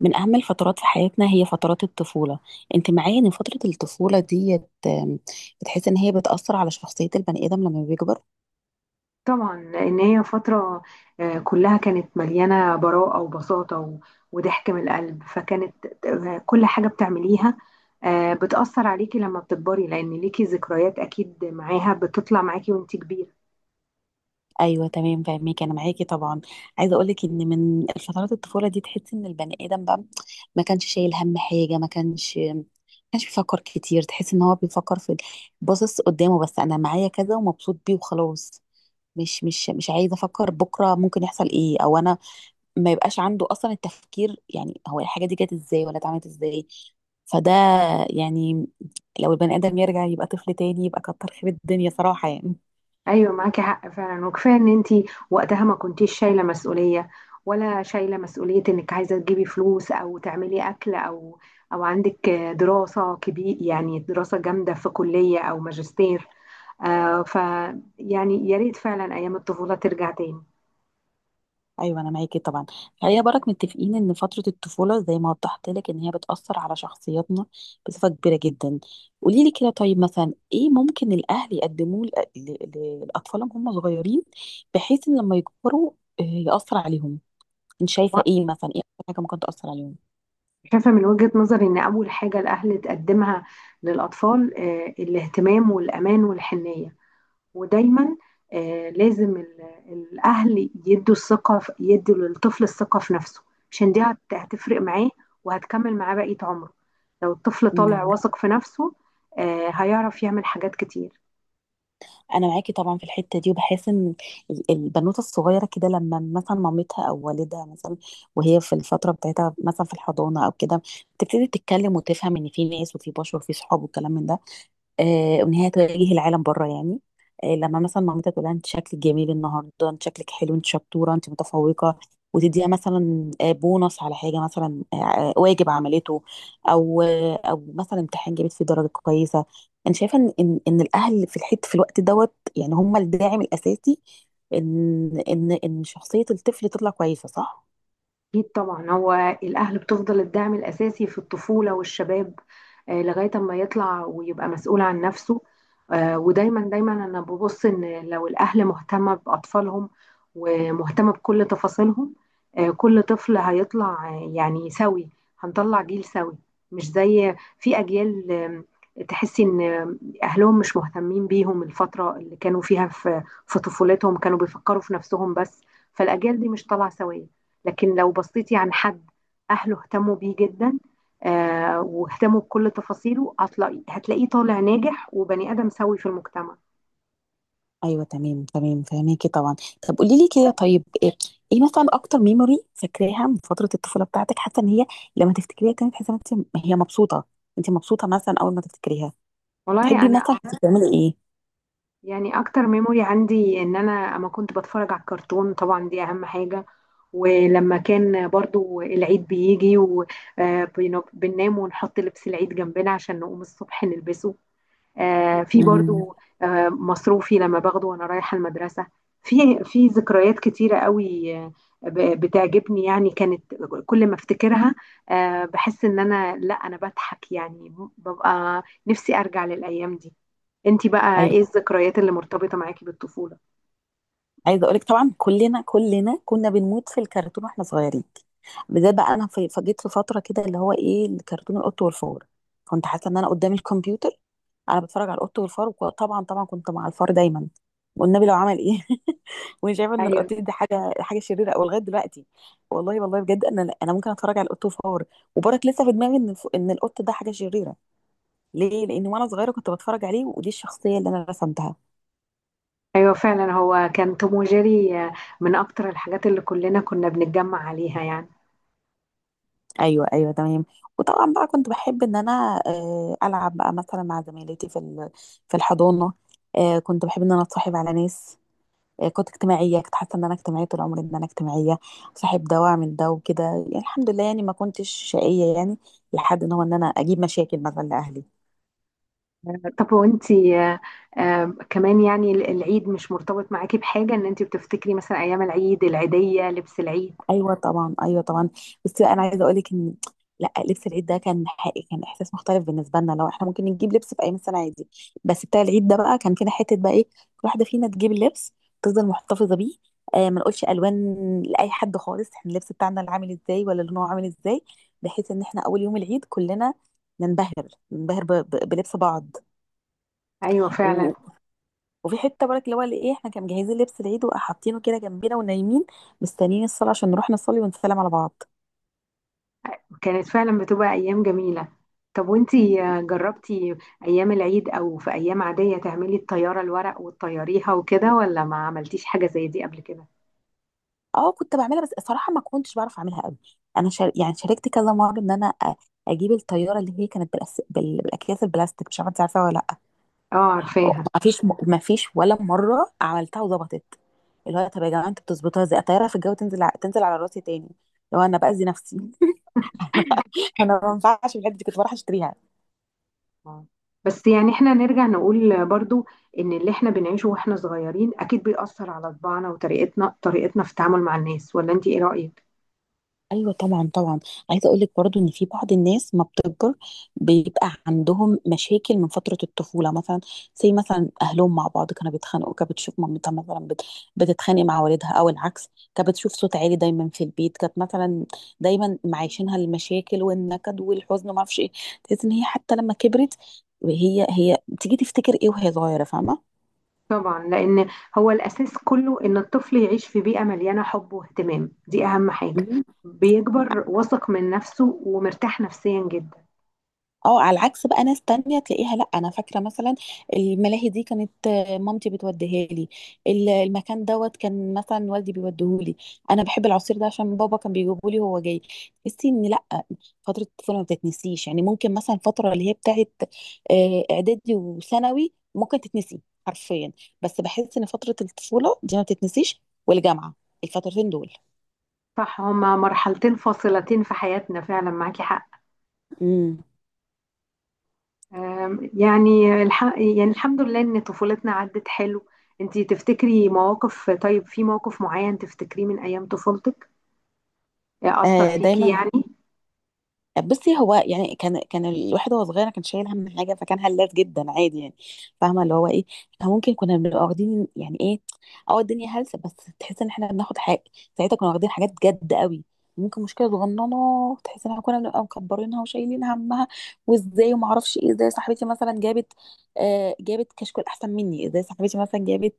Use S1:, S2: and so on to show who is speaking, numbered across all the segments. S1: من أهم الفترات في حياتنا هي فترات الطفولة. أنت معايا إن فترة الطفولة ديت، بتحس إن هي بتأثر على شخصية البني آدم لما بيكبر.
S2: طبعا لان هي فتره، كلها كانت مليانه براءه وبساطه وضحك من القلب. فكانت كل حاجه بتعمليها بتاثر عليكي لما بتكبري، لان ليكي ذكريات اكيد معاها بتطلع معاكي وانت كبيره.
S1: أيوة تمام، فاهمك، أنا معاكي طبعا. عايزة أقولك إن من فترات الطفولة دي تحس إن البني آدم بقى ما كانش شايل هم حاجة، ما كانش بيفكر كتير. تحس إن هو بيفكر في، باصص قدامه، بس أنا معايا كذا ومبسوط بيه وخلاص. مش عايزة أفكر بكرة ممكن يحصل إيه، أو أنا ما يبقاش عنده اصلا التفكير، يعني هو الحاجه دي جت ازاي ولا اتعملت ازاي. فده يعني لو البني ادم يرجع يبقى طفل تاني يبقى كتر خير الدنيا صراحه يعني.
S2: ايوه، معاكي حق فعلا. وكفايه ان انت وقتها ما كنتيش شايله مسؤوليه، ولا شايله مسؤوليه انك عايزه تجيبي فلوس او تعملي اكل، او او عندك دراسه كبير، يعني دراسه جامده في كليه او ماجستير. آه ف يعني يا ريت فعلا ايام الطفوله ترجع تاني.
S1: ايوه، انا معاكي طبعا. خلينا برك متفقين ان فتره الطفوله زي ما وضحت لك ان هي بتاثر على شخصياتنا بصفه كبيره جدا. قولي لي كده، طيب مثلا ايه ممكن الاهل يقدموه لاطفالهم هم صغيرين، بحيث ان لما يكبروا ياثر عليهم. انت شايفه
S2: و-
S1: ايه، مثلا ايه أكتر حاجه ممكن تاثر
S2: شايفه من وجهه نظري ان اول حاجه الاهل تقدمها للاطفال الاهتمام والامان والحنيه. ودايما لازم الاهل يدوا الثقه يدوا للطفل الثقه في نفسه، عشان دي هتفرق معاه وهتكمل معاه بقيه عمره. لو الطفل طالع
S1: عليهم؟
S2: واثق في نفسه، هيعرف يعمل حاجات كتير.
S1: انا معاكي طبعا في الحته دي، وبحس ان البنوته الصغيره كده، لما مثلا مامتها او والدها مثلا، وهي في الفتره بتاعتها مثلا في الحضانه او كده، بتبتدي تتكلم وتفهم ان في ناس وفي بشر وفي صحاب والكلام من ده. وان هي تواجه العالم بره يعني. لما مثلا مامتها تقول لها انت شكلك جميل النهارده، انت شكلك حلو، انت شطوره، انت متفوقه، وتديها مثلا بونص على حاجه، مثلا واجب عملته، او او مثلا امتحان جابت فيه درجه كويسه. انا شايفه ان ان إن الاهل في الحته في الوقت دوت يعني هم الداعم الاساسي، ان شخصيه الطفل تطلع كويسه، صح؟
S2: أكيد طبعا، هو الأهل بتفضل الدعم الأساسي في الطفولة والشباب، لغاية أما يطلع ويبقى مسؤول عن نفسه. ودايما دايما أنا ببص إن لو الأهل مهتمة بأطفالهم ومهتمة بكل تفاصيلهم، كل طفل هيطلع، يعني سوي. هنطلع جيل سوي، مش زي في أجيال تحسي إن أهلهم مش مهتمين بيهم. الفترة اللي كانوا فيها في طفولتهم كانوا بيفكروا في نفسهم بس، فالأجيال دي مش طالعة سوية. لكن لو بصيتي عن حد اهله اهتموا بيه جدا واهتموا بكل تفاصيله، هتلاقي هتلاقيه طالع ناجح وبني ادم سوي في المجتمع.
S1: ايوه تمام تمام، فهميكي طبعا. طب قولي لي كده، طيب إيه مثلا اكتر ميموري فاكراها من فتره الطفوله بتاعتك؟ حاسه ان هي لما تفتكريها كانت تحسي ان انت هي مبسوطه؟ انت مبسوطه مثلا اول ما تفتكريها؟
S2: والله
S1: تحبي
S2: انا
S1: مثلا كنت بتعملي ايه؟
S2: يعني اكتر ميموري عندي ان انا اما كنت بتفرج على الكرتون، طبعا دي اهم حاجه. ولما كان برضو العيد بيجي، وبننام ونحط لبس العيد جنبنا عشان نقوم الصبح نلبسه. في
S1: امم.
S2: برضو مصروفي لما باخده وانا رايحة المدرسة. في في ذكريات كتيرة قوي بتعجبني. يعني كانت كل ما افتكرها بحس ان انا، لا انا بضحك، يعني ببقى نفسي ارجع للايام دي. انتي بقى ايه الذكريات اللي مرتبطة معاكي بالطفولة؟
S1: عايزه اقولك طبعا، كلنا كنا بنموت في الكرتون واحنا صغيرين. بالذات بقى انا فجيت في فتره كده اللي هو ايه، الكرتون القط والفار. كنت حاسه ان انا قدام الكمبيوتر، انا بتفرج على القط والفار، وطبعا طبعا كنت مع الفار دايما، والنبي لو عمل ايه وانا شايفه ان
S2: ايوه،
S1: القط دي حاجه حاجه شريره، او لغايه دلوقتي والله والله بجد، انا ممكن اتفرج على القط والفار، وبرك لسه في دماغي ان ان القط ده حاجه شريره. ليه؟ لان وانا صغيره كنت بتفرج عليه، ودي الشخصيه اللي انا رسمتها.
S2: ايوه فعلا، هو كان توم وجيري، من اكتر الحاجات اللي كلنا كنا بنتجمع عليها يعني.
S1: ايوه ايوه تمام. وطبعا بقى كنت بحب ان انا العب بقى مثلا مع زميلتي في الحضانه. كنت بحب ان انا اتصاحب على ناس. كنت اجتماعيه، كنت حاسه ان انا اجتماعيه طول عمري، ان انا اجتماعيه، صاحب ده واعمل ده وكده يعني. الحمد لله يعني ما كنتش شقيه يعني، لحد ان هو ان انا اجيب مشاكل مثلا لاهلي.
S2: طب وانتي، كمان يعني العيد مش مرتبط معاكي بحاجة، ان انتي بتفتكري مثلا ايام العيد، العيدية، لبس العيد؟
S1: ايوه طبعا، ايوه طبعا. بس بقى انا عايزه اقول لك ان، لا، لبس العيد ده كان حقيقي، كان احساس مختلف بالنسبه لنا. لو احنا ممكن نجيب لبس في ايام السنه عادي، بس بتاع العيد ده بقى كان فينا حته بقى ايه، كل واحده فينا تجيب اللبس تفضل محتفظه بيه. ما نقولش الوان لاي حد خالص، احنا اللبس بتاعنا اللي عامل ازاي ولا لونه عامل ازاي، بحيث ان احنا اول يوم العيد كلنا ننبهر، بلبس بعض.
S2: ايوه فعلا،
S1: و... وفي حته برك اللي هو اللي ايه، احنا كان مجهزين لبس العيد وحاطينه كده جنبنا ونايمين مستنيين الصلاه عشان نروح نصلي ونسلم على بعض.
S2: كانت فعلا بتبقى ايام جميلة. طب وانتي جربتي ايام العيد او في ايام عادية تعملي الطيارة الورق وتطيريها وكده، ولا ما عملتيش حاجة زي دي قبل كده؟
S1: اه كنت بعملها، بس صراحه ما كنتش بعرف اعملها قوي. انا شاركت كذا مره ان انا اجيب الطياره اللي هي كانت بالاكياس البلاستيك، مش عارفه انت عارفاها ولا لا؟
S2: اه، عارفاها.
S1: ما فيش ما فيش ولا مره عملتها وظبطت. اللي هو طب يا جماعه، انتوا بتظبطوها ازاي الطياره في الجو، تنزل على راسي تاني لو انا باذي نفسي انا ما ينفعش، في الحته دي كنت بروح اشتريها.
S2: آه. بس يعني احنا نرجع نقول برضو ان اللي احنا بنعيشه واحنا صغيرين اكيد بيأثر على طباعنا وطريقتنا، في التعامل مع الناس، ولا انتي ايه رأيك؟
S1: ايوه طبعا طبعا. عايزه اقول لك برضو ان في بعض الناس ما بتكبر، بيبقى عندهم مشاكل من فتره الطفوله مثلا. زي مثلا اهلهم مع بعض كانوا بيتخانقوا، كانت بتشوف مامتها مثلا بتتخانق مع والدها او العكس، كانت بتشوف صوت عالي دايما في البيت، كانت مثلا دايما معيشينها المشاكل والنكد والحزن وما اعرفش ايه. تحس ان هي حتى لما كبرت، هي هي بتيجي تفتكر ايه وهي صغيره، فاهمه.
S2: طبعا، لان هو الاساس كله ان الطفل يعيش في بيئه مليانه حب واهتمام، دي اهم حاجه. بيكبر واثق من نفسه ومرتاح نفسيا جدا.
S1: اه على العكس بقى، ناس تانية تلاقيها، لا انا فاكره مثلا الملاهي دي كانت مامتي بتوديها لي. المكان دوت كان مثلا والدي بيوديهولي. انا بحب العصير ده عشان بابا كان بيجيبه لي وهو جاي. تحسي ان لا، فتره الطفوله ما بتتنسيش. يعني ممكن مثلا الفتره اللي هي بتاعت اعدادي وثانوي ممكن تتنسي حرفيا، بس بحس ان فتره الطفوله دي ما بتتنسيش، والجامعه، الفترتين دول.
S2: صح، هما مرحلتين فاصلتين في حياتنا فعلا، معاكي حق.
S1: امم.
S2: يعني يعني الحمد لله ان طفولتنا عدت حلو. انتي تفتكري مواقف؟ طيب، في موقف معين تفتكريه من ايام طفولتك اثر
S1: آه،
S2: فيكي
S1: دايما.
S2: يعني؟
S1: بصي هو يعني كان الواحد وهو صغير كان شايل هم حاجه، فكان هلاف جدا عادي يعني، فاهمه اللي هو ايه. احنا ممكن كنا بنبقى واخدين يعني ايه، اه الدنيا هلسه بس، تحس ان احنا بناخد حاجه. ساعتها كنا واخدين حاجات جد قوي، ممكن مشكله صغننه تحس ان احنا كنا بنبقى مكبرينها وشايلين همها، وازاي وما اعرفش ايه. ازاي صاحبتي مثلا جابت جابت كشكول احسن مني، ازاي صاحبتي مثلا جابت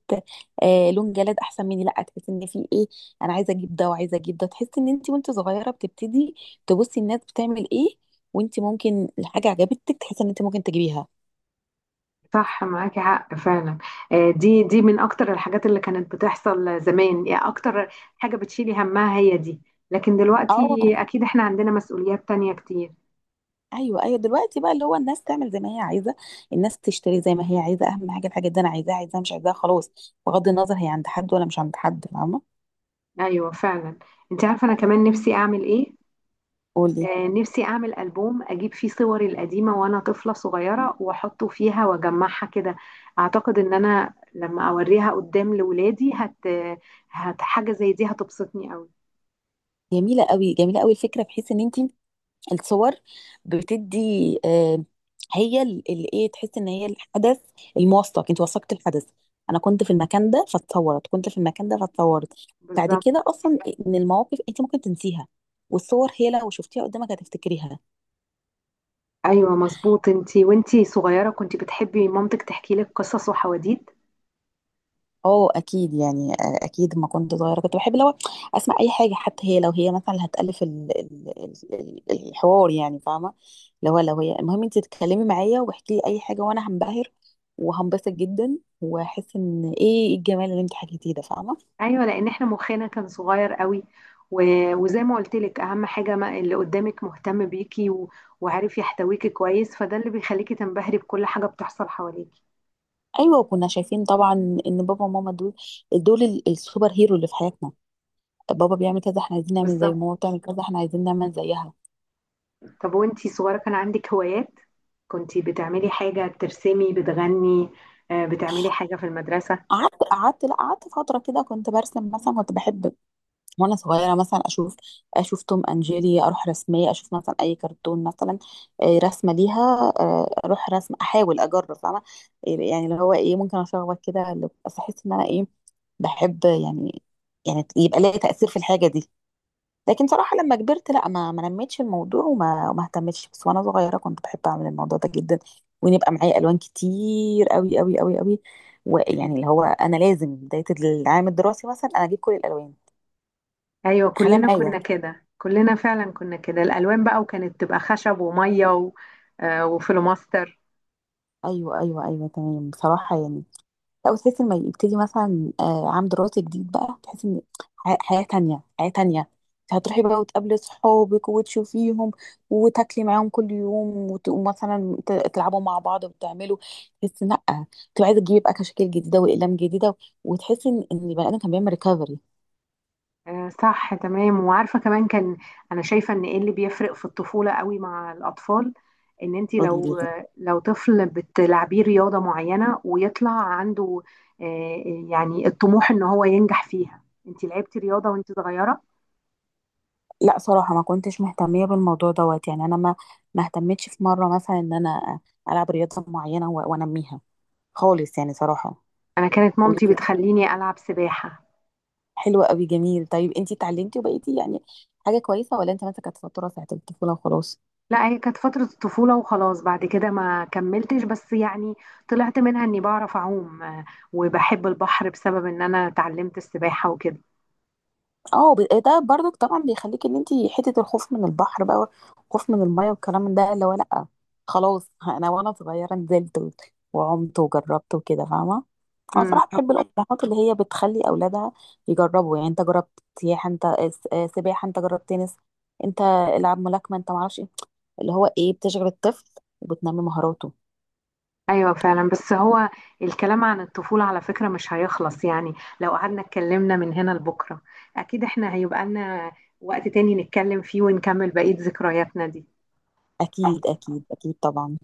S1: لون جلاد احسن مني، لا تحس ان في ايه، انا عايزه اجيب ده وعايزه اجيب ده. تحس ان انت وانت صغيره بتبتدي تبصي الناس بتعمل ايه، وانت ممكن الحاجه عجبتك تحسي ان انت ممكن تجيبيها.
S2: صح، معاكي حق فعلا. دي من اكتر الحاجات اللي كانت بتحصل زمان، يعني اكتر حاجة بتشيلي همها هي دي. لكن
S1: اه،
S2: دلوقتي اكيد احنا عندنا مسؤوليات تانية كتير.
S1: ايوه ايوه، دلوقتي بقى اللي هو الناس تعمل زي ما هي عايزه، الناس تشتري زي ما هي عايزه، اهم حاجه الحاجه دي، انا عايزاها، عايزاها مش عايزاها خلاص، بغض النظر هي عند حد ولا مش عند حد، فاهمه.
S2: ايوه فعلا. انت عارفة انا كمان نفسي اعمل ايه؟
S1: قولي.
S2: نفسي اعمل البوم اجيب فيه صوري القديمة وانا طفلة صغيرة، واحطه فيها واجمعها كده. اعتقد ان انا لما اوريها قدام لولادي هت هت حاجة زي دي هتبسطني قوي.
S1: جميله قوي، جميله قوي الفكره، بحيث ان انت الصور بتدي، هي اللي ايه، تحس ان هي الحدث الموثق، انت وثقت الحدث، انا كنت في المكان ده فاتصورت، كنت في المكان ده فاتصورت. بعد
S2: بالظبط.
S1: كده اصلا من المواقف انت ممكن تنسيها، والصور هي لو شفتيها قدامك هتفتكريها.
S2: ايوه مظبوط. انتي وانتي صغيره كنت بتحبي مامتك تحكي لك قصص وحواديت؟
S1: اه اكيد يعني، اكيد ما كنت صغيره كنت بحب لو اسمع اي حاجه، حتى هي لو هي مثلا اللي هتالف الحوار يعني، فاهمه. لو هي المهم انت تتكلمي معايا واحكي لي اي حاجه، وانا هنبهر وهنبسط جدا، واحس ان ايه الجمال اللي انت حكيتيه ده، فاهمه.
S2: ايوه، لان احنا مخنا كان صغير قوي. و... وزي ما قلت لك، اهم حاجه ما اللي قدامك مهتم بيكي و... وعارف يحتويكي كويس. فده اللي بيخليكي تنبهري بكل حاجه بتحصل حواليكي.
S1: ايوه، وكنا شايفين طبعا ان بابا وماما دول، دول السوبر هيرو اللي في حياتنا. بابا بيعمل كذا احنا عايزين نعمل زيه،
S2: بالظبط.
S1: ماما بتعمل كذا احنا عايزين نعمل زيها.
S2: طب وانتي صغيره كان عندك هوايات؟ كنتي بتعملي حاجه؟ بترسمي؟ بتغني؟ بتعملي حاجه في المدرسه؟
S1: قعدت قعدت لا قعدت فتره كده كنت برسم، مثلا كنت بحب وانا صغيره مثلا اشوف، توم اند جيري، اروح رسميه، اشوف مثلا اي كرتون مثلا، رسمه ليها، اروح رسم، احاول اجرب، فاهمه، يعني اللي هو ايه، ممكن اشخبط كده بس احس ان انا ايه، بحب يعني، يبقى ليا تاثير في الحاجه دي. لكن صراحه لما كبرت لا، ما نميتش الموضوع، وما اهتمتش، بس وانا صغيره كنت بحب اعمل الموضوع ده جدا، ونبقى معايا الوان كتير قوي قوي قوي قوي. ويعني اللي هو انا لازم بدايه العام الدراسي مثلا انا اجيب كل الالوان،
S2: ايوه
S1: خليها
S2: كلنا كنا
S1: معايا.
S2: كده، كلنا فعلا كنا كده. الالوان بقى، وكانت تبقى خشب وميه و... وفلوماستر
S1: ايوه ايوه ايوه تمام، بصراحه يعني. لا، وتحس لما يبتدي مثلا عام دراسي جديد بقى، تحس ان حياه تانية، حياه تانية. انت هتروحي بقى وتقابلي صحابك وتشوفيهم، وتاكلي معاهم كل يوم، ومثلا تلعبوا مع بعض وتعملوا، تحس إن لا، تبقى عايزه تجيبي بقى كشاكيل جديده واقلام جديده، وتحس ان البني ادم كان بيعمل ريكفري.
S2: صح تمام. وعارفه كمان كان، انا شايفه ان ايه اللي بيفرق في الطفوله قوي مع الاطفال، ان انت
S1: قولي لي كده.
S2: لو طفل بتلعبيه رياضه معينه ويطلع عنده آه، يعني الطموح ان هو ينجح فيها. انت لعبتي رياضه وانت صغيره؟
S1: لا صراحه ما كنتش مهتميه بالموضوع دوت يعني، انا ما اهتمتش في مره مثلا ان انا العب رياضه معينه وانميها خالص يعني صراحه.
S2: انا كانت
S1: قولي.
S2: مامتي بتخليني العب سباحه.
S1: حلوة قوي، جميل. طيب انتي اتعلمتي وبقيتي يعني حاجة كويسة، ولا انت مثلا كانت فترة ساعة الطفولة وخلاص؟
S2: لا هي كانت فترة الطفولة وخلاص، بعد كده ما كملتش. بس يعني طلعت منها اني بعرف اعوم، وبحب البحر بسبب ان انا اتعلمت السباحة وكده.
S1: اه، ده برضك طبعا بيخليك ان انتي حتة الخوف من البحر بقى والخوف من المية والكلام من ده اللي هو لأ خلاص انا وانا صغيرة نزلت وعمت وجربت وكده، فاهمة. انا
S2: مم.
S1: صراحة بحب الأمهات اللي هي بتخلي أولادها يجربوا، يعني انت جربت سياحة، انت سباحة، انت جربت تنس، انت العب ملاكمة، انت معرفش ايه، اللي هو ايه، بتشغل الطفل وبتنمي مهاراته.
S2: ايوه فعلا. بس هو الكلام عن الطفولة على فكرة مش هيخلص يعني، لو قعدنا اتكلمنا من هنا لبكرة. اكيد احنا هيبقى لنا وقت تاني نتكلم فيه ونكمل بقية ذكرياتنا دي.
S1: أكيد أكيد أكيد طبعا.